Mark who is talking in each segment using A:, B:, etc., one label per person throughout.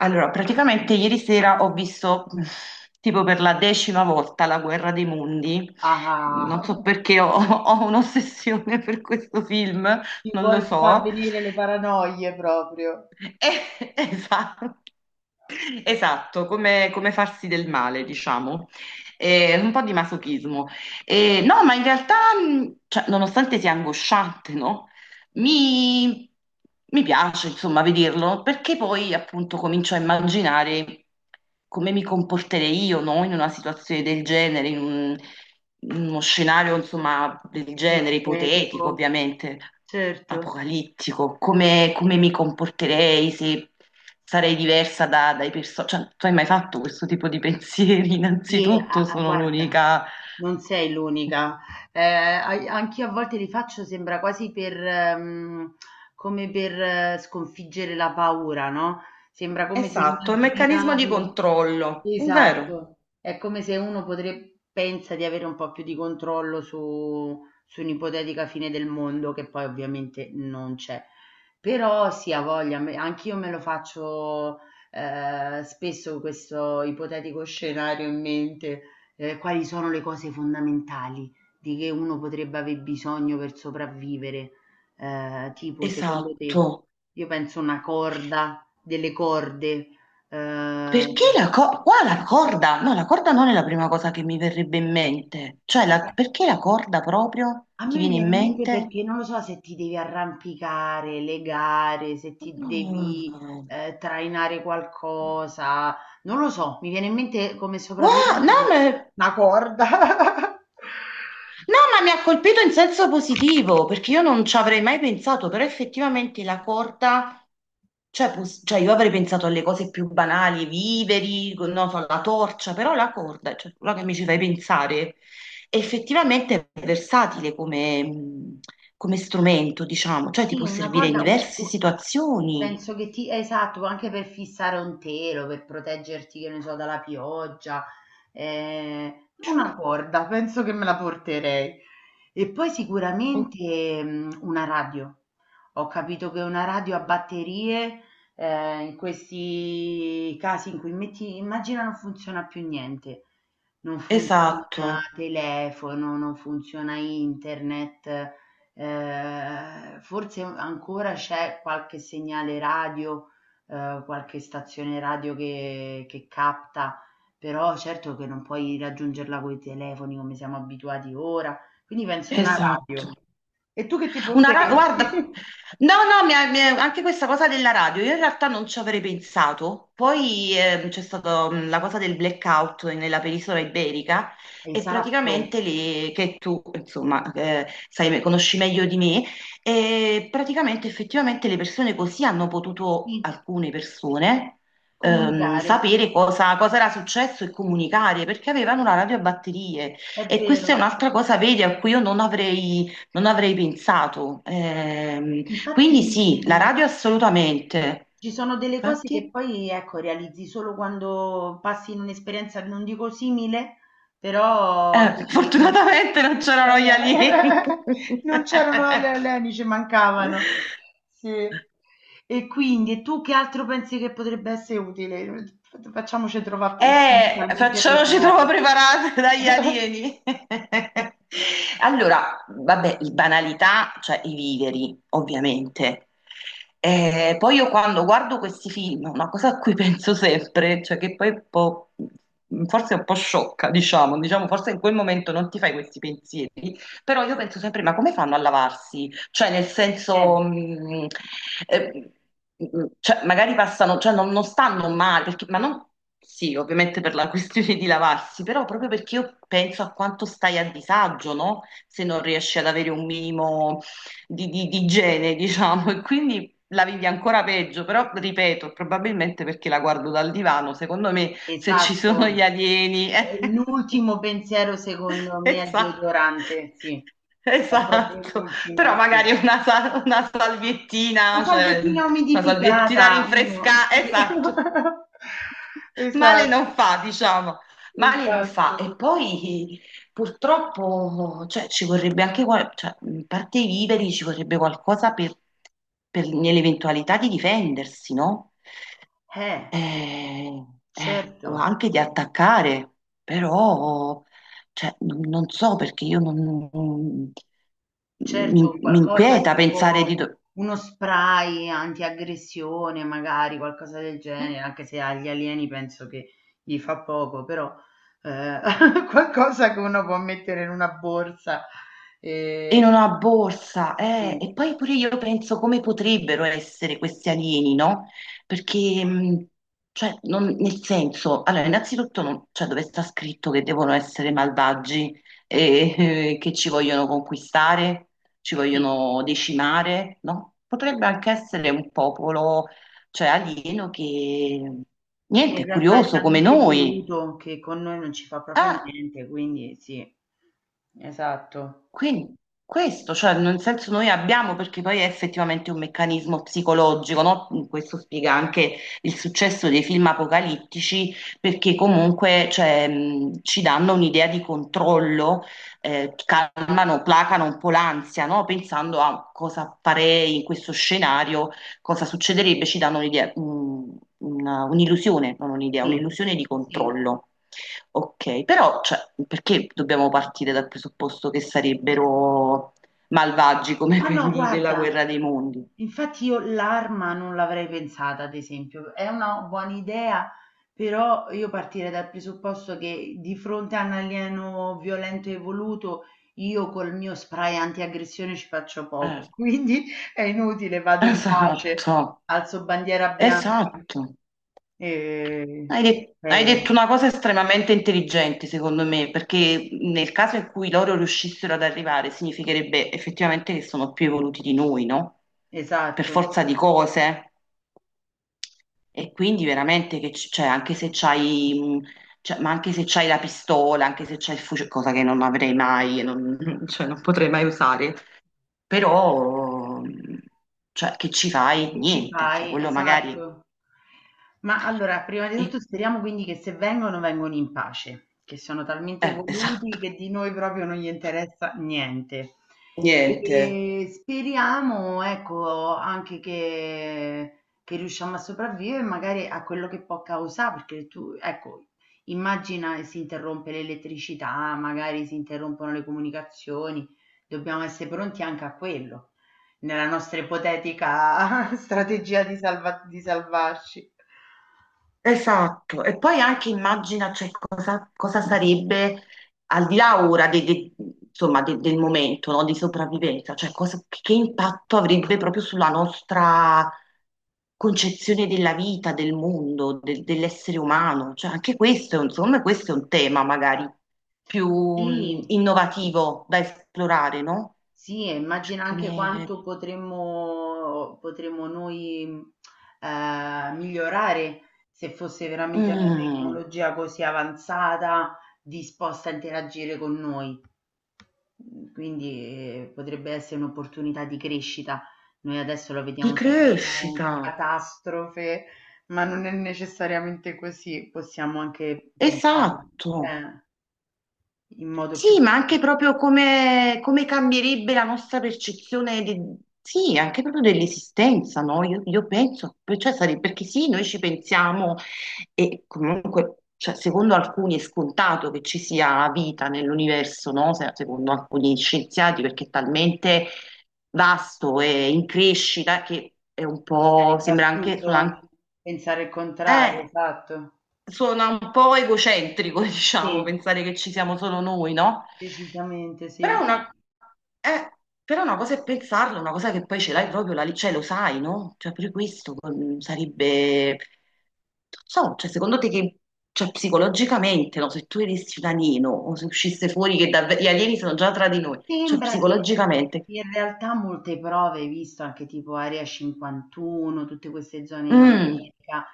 A: Allora, praticamente ieri sera ho visto tipo per la decima volta La Guerra dei Mondi. Non
B: Ah,
A: so perché ho un'ossessione per questo film,
B: ti
A: non lo
B: vuoi far
A: so.
B: venire le paranoie proprio.
A: Esatto, esatto, come, come farsi del male, diciamo. Un po' di masochismo. No, ma in realtà, cioè, nonostante sia angosciante, no? Mi, mi piace, insomma, vederlo, perché poi appunto comincio a immaginare come mi comporterei io, no, in una situazione del genere, in uno scenario, insomma, del genere,
B: Ipotetico,
A: ipotetico, ovviamente,
B: certo.
A: apocalittico, come, come mi comporterei se sarei diversa dai personaggi. Cioè, tu hai mai fatto questo tipo di pensieri?
B: Sì, a
A: Innanzitutto
B: a
A: sono
B: guarda,
A: l'unica.
B: non sei l'unica. Anch'io a volte li faccio, sembra quasi per, come per sconfiggere la paura, no? Sembra come se
A: Esatto, è un meccanismo di
B: immaginarlo.
A: controllo, vero?
B: Esatto, è come se uno potrebbe, pensa di avere un po' più di controllo su un'ipotetica fine del mondo, che poi ovviamente non c'è. Però sì, ha voglia, anch'io me lo faccio spesso questo ipotetico scenario in mente, quali sono le cose fondamentali di che uno potrebbe aver bisogno per sopravvivere. Tipo secondo te,
A: Esatto.
B: io penso una corda, delle corde,
A: Perché
B: ehm
A: la corda? Qua la corda? No, la corda non è la prima cosa che mi verrebbe in mente. Cioè, perché la corda proprio
B: A
A: ti
B: me mi
A: viene in
B: viene in mente
A: mente?
B: perché non lo so se ti devi arrampicare, legare, se ti devi
A: Mm.
B: trainare qualcosa, non lo so, mi viene in mente come
A: Wow, no,
B: sopravvivenza
A: ma
B: una corda.
A: no, ma mi ha colpito in senso positivo, perché io non ci avrei mai pensato, però effettivamente la corda, cioè, cioè, io avrei pensato alle cose più banali, i viveri, non so, la torcia, però la corda, cioè, quello che mi ci fai pensare, effettivamente è versatile come, come strumento, diciamo, cioè ti
B: Sì,
A: può
B: una
A: servire in
B: corda un
A: diverse
B: u a
A: situazioni.
B: penso che ti esatto, anche per fissare un telo, per proteggerti, che ne so, dalla pioggia, ehm,
A: Cioè,
B: una corda, penso che me la porterei. E poi
A: oh,
B: sicuramente, mhmm, una radio. Ho capito che una radio a batterie, in questi casi in cui metti immagina non funziona più niente, non
A: esatto,
B: funziona telefono, non funziona internet. Forse ancora c'è qualche segnale radio, qualche stazione radio che capta, però certo che non puoi raggiungerla coi telefoni come siamo abituati ora, quindi penso una radio.
A: esatto.
B: E tu che ti porteresti?
A: Guarda, no, no, anche questa cosa della radio, io in realtà non ci avrei pensato. Poi c'è stata la cosa del blackout nella penisola iberica e
B: Esatto,
A: praticamente che tu, insomma, sai, conosci meglio di me, e praticamente effettivamente le persone così hanno potuto,
B: sì,
A: alcune persone,
B: comunicare,
A: sapere cosa, cosa era successo e comunicare perché avevano una radio a batterie.
B: è
A: E questa è
B: vero.
A: un'altra cosa, vedi, a cui io non avrei pensato.
B: Infatti.
A: Quindi sì, la radio assolutamente.
B: Ci sono delle cose che
A: Infatti,
B: poi, ecco, realizzi solo quando passi in un'esperienza, non dico simile, però ti rendi conto.
A: fortunatamente non c'erano gli
B: Eh,
A: alieni.
B: non c'erano le leni, ci mancavano. Sì. E quindi, e tu che altro pensi che potrebbe essere utile? Facciamoci trovare totalmente
A: Facciamoci troppo
B: preparati.
A: preparate dagli alieni. Allora, vabbè, banalità, cioè i viveri, ovviamente. Poi io quando guardo questi film, una cosa a cui penso sempre, cioè che poi è un po', forse è un po' sciocca, diciamo, forse in quel momento non ti fai questi pensieri, però io penso sempre, ma come fanno a lavarsi? Cioè, nel
B: Eh.
A: senso, eh, cioè, magari passano, non stanno male, perché- ma non, sì, ovviamente per la questione di lavarsi, però proprio perché io penso a quanto stai a disagio, no? Se non riesci ad avere un minimo di igiene, diciamo, e quindi... La vivi ancora peggio, però ripeto, probabilmente perché la guardo dal divano, secondo me se ci sono
B: Esatto.
A: gli alieni. eh.
B: E l'ultimo pensiero secondo me è il
A: Esatto.
B: deodorante, sì. È proprio
A: Esatto, però
B: l'ultimo,
A: magari
B: sì.
A: una, una
B: La
A: salviettina, cioè
B: salviettina
A: una salviettina
B: umidificata, uno,
A: rinfresca,
B: sì.
A: esatto, male
B: Esatto,
A: non fa, diciamo, male non fa.
B: esatto.
A: E poi purtroppo, cioè, ci vorrebbe anche, cioè, in parte i viveri ci vorrebbe qualcosa per, nell'eventualità di difendersi, no?
B: Eh,
A: eh, o
B: certo.
A: anche di attaccare, però cioè, non so perché io non- mi,
B: Certo,
A: mi
B: qualcosa
A: inquieta pensare di...
B: tipo uno spray antiaggressione, magari qualcosa del genere, anche se agli alieni penso che gli fa poco, però eh, qualcosa che uno può mettere in una borsa.
A: in
B: eh,
A: una borsa, eh.
B: sì,
A: E poi pure io penso come potrebbero essere questi alieni, no? Perché, cioè, nel senso, allora, innanzitutto, cioè, dove sta scritto che devono essere malvagi e che ci vogliono conquistare, ci
B: sì,
A: vogliono decimare, no? Potrebbe anche essere un popolo, cioè, alieno che,
B: che
A: niente,
B: in
A: è
B: realtà è
A: curioso come
B: talmente
A: noi.
B: evoluto che con noi non ci fa proprio
A: Ah!
B: niente, quindi sì, esatto.
A: Quindi questo, cioè nel senso noi abbiamo, perché poi è effettivamente un meccanismo psicologico, no? Questo spiega anche il successo dei film apocalittici, perché comunque cioè, ci danno un'idea di controllo, calmano, placano un po' l'ansia, no? Pensando a cosa farei in questo scenario, cosa succederebbe, ci danno un'idea, un'illusione, non un'idea,
B: Sì,
A: un'illusione di
B: sì.
A: controllo. Ok, però cioè, perché dobbiamo partire dal presupposto che sarebbero malvagi come
B: Ma no,
A: quelli della
B: guarda.
A: guerra dei mondi?
B: Infatti io l'arma non l'avrei pensata, ad esempio. È una buona idea, però io partirei dal presupposto che di fronte a un alieno violento e voluto, io col mio spray antiaggressione ci faccio
A: Eh,
B: poco. Quindi è inutile, vado in
A: esatto,
B: pace, alzo bandiera bianca
A: esatto.
B: e
A: Hai, hai
B: spero.
A: detto una cosa estremamente intelligente, secondo me, perché nel caso in cui loro riuscissero ad arrivare, significherebbe effettivamente che sono più evoluti di noi, no? Per
B: Esatto.
A: forza di cose. E quindi veramente che cioè, anche se c'hai, mh, cioè, ma anche se c'hai la pistola, anche se c'hai il fucile, cosa che non avrei mai, e non, cioè, non potrei mai usare, però, cioè, che ci fai?
B: Che ci
A: Niente, cioè,
B: fai?
A: quello magari...
B: Esatto. Ma allora, prima di
A: E,
B: tutto speriamo quindi che se vengono, vengono in pace, che sono talmente evoluti
A: esatto,
B: che di noi proprio non gli interessa niente.
A: niente.
B: E speriamo, ecco, anche che riusciamo a sopravvivere magari a quello che può causare, perché tu, ecco, immagina che si interrompe l'elettricità, magari si interrompono le comunicazioni, dobbiamo essere pronti anche a quello. Nella nostra ipotetica strategia di di salvarci.
A: Esatto, e poi anche immagina cioè, cosa, cosa sarebbe al di là ora insomma, del momento no, di sopravvivenza, cioè che impatto avrebbe proprio sulla nostra concezione della vita, del mondo, dell'essere umano. Cioè, anche questo, insomma, questo è un tema magari più
B: Sì,
A: innovativo da esplorare, no?
B: sì, e
A: Cioè,
B: immagina anche
A: come...
B: quanto potremmo, potremmo noi migliorare se fosse veramente una
A: mm,
B: tecnologia così avanzata, disposta a interagire con noi. Mhmm, quindi, potrebbe essere un'opportunità di crescita. Noi adesso lo
A: di
B: vediamo sempre con
A: crescita,
B: catastrofe, ma non è necessariamente così, possiamo anche pensarla
A: esatto.
B: eh, in modo più
A: Sì, ma anche proprio come, come cambierebbe la nostra percezione sì, anche proprio dell'esistenza, no? Io penso, cioè, perché sì, noi ci pensiamo e comunque, cioè, secondo alcuni è scontato che ci sia vita nell'universo, no? Secondo alcuni scienziati, perché è talmente vasto e in crescita che è un
B: che
A: po',
B: sarebbe
A: sembra anche, suona,
B: assurdo pensare il contrario,
A: eh,
B: esatto.
A: suona un po' egocentrico, diciamo,
B: Sì,
A: pensare che ci siamo solo noi, no?
B: decisamente sì.
A: Però una, eh, però una cosa è pensarlo, una cosa che poi ce l'hai proprio, la, cioè lo sai, no? Cioè pure questo mm, sarebbe... Non so, cioè secondo te che... Cioè psicologicamente, no? Se tu eressi un alieno o se uscisse fuori che davvero gli alieni sono già tra di noi, cioè
B: Sembra che
A: psicologicamente...
B: in realtà molte prove, hai visto anche tipo Area 51, tutte queste zone in
A: Mm,
B: America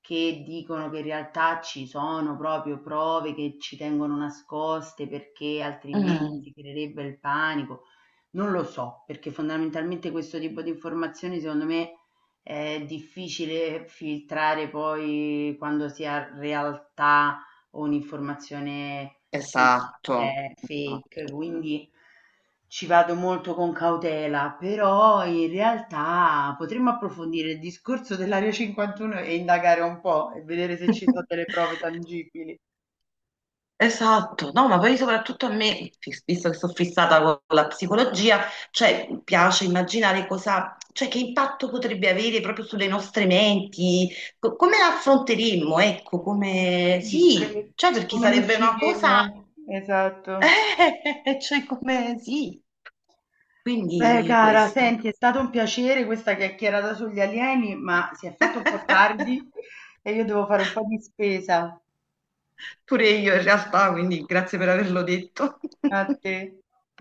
B: che dicono che in realtà ci sono proprio prove che ci tengono nascoste perché altrimenti
A: mm,
B: si creerebbe il panico. Non lo so, perché fondamentalmente questo tipo di informazioni secondo me è difficile filtrare poi quando si ha realtà o un'informazione fake,
A: esatto,
B: eh,
A: esatto.
B: fake, quindi ci vado molto con cautela, però in realtà potremmo approfondire il discorso dell'Area 51 e indagare un po' e vedere se ci sono delle prove tangibili.
A: Esatto, no, ma poi soprattutto a me, visto che sono fissata con la psicologia, cioè mi piace immaginare cosa, cioè che impatto potrebbe avere proprio sulle nostre menti, come la affronteremmo, ecco, come
B: Sì,
A: sì, cioè
B: se
A: perché
B: come ne
A: sarebbe una cosa,
B: usciremmo? Esatto.
A: cioè come sì,
B: Beh,
A: quindi
B: cara,
A: questo.
B: senti, è stato un piacere questa chiacchierata sugli alieni, ma si è fatto un po' tardi e io devo fare un po' di spesa.
A: Pure io in realtà, quindi grazie per averlo detto.
B: A te.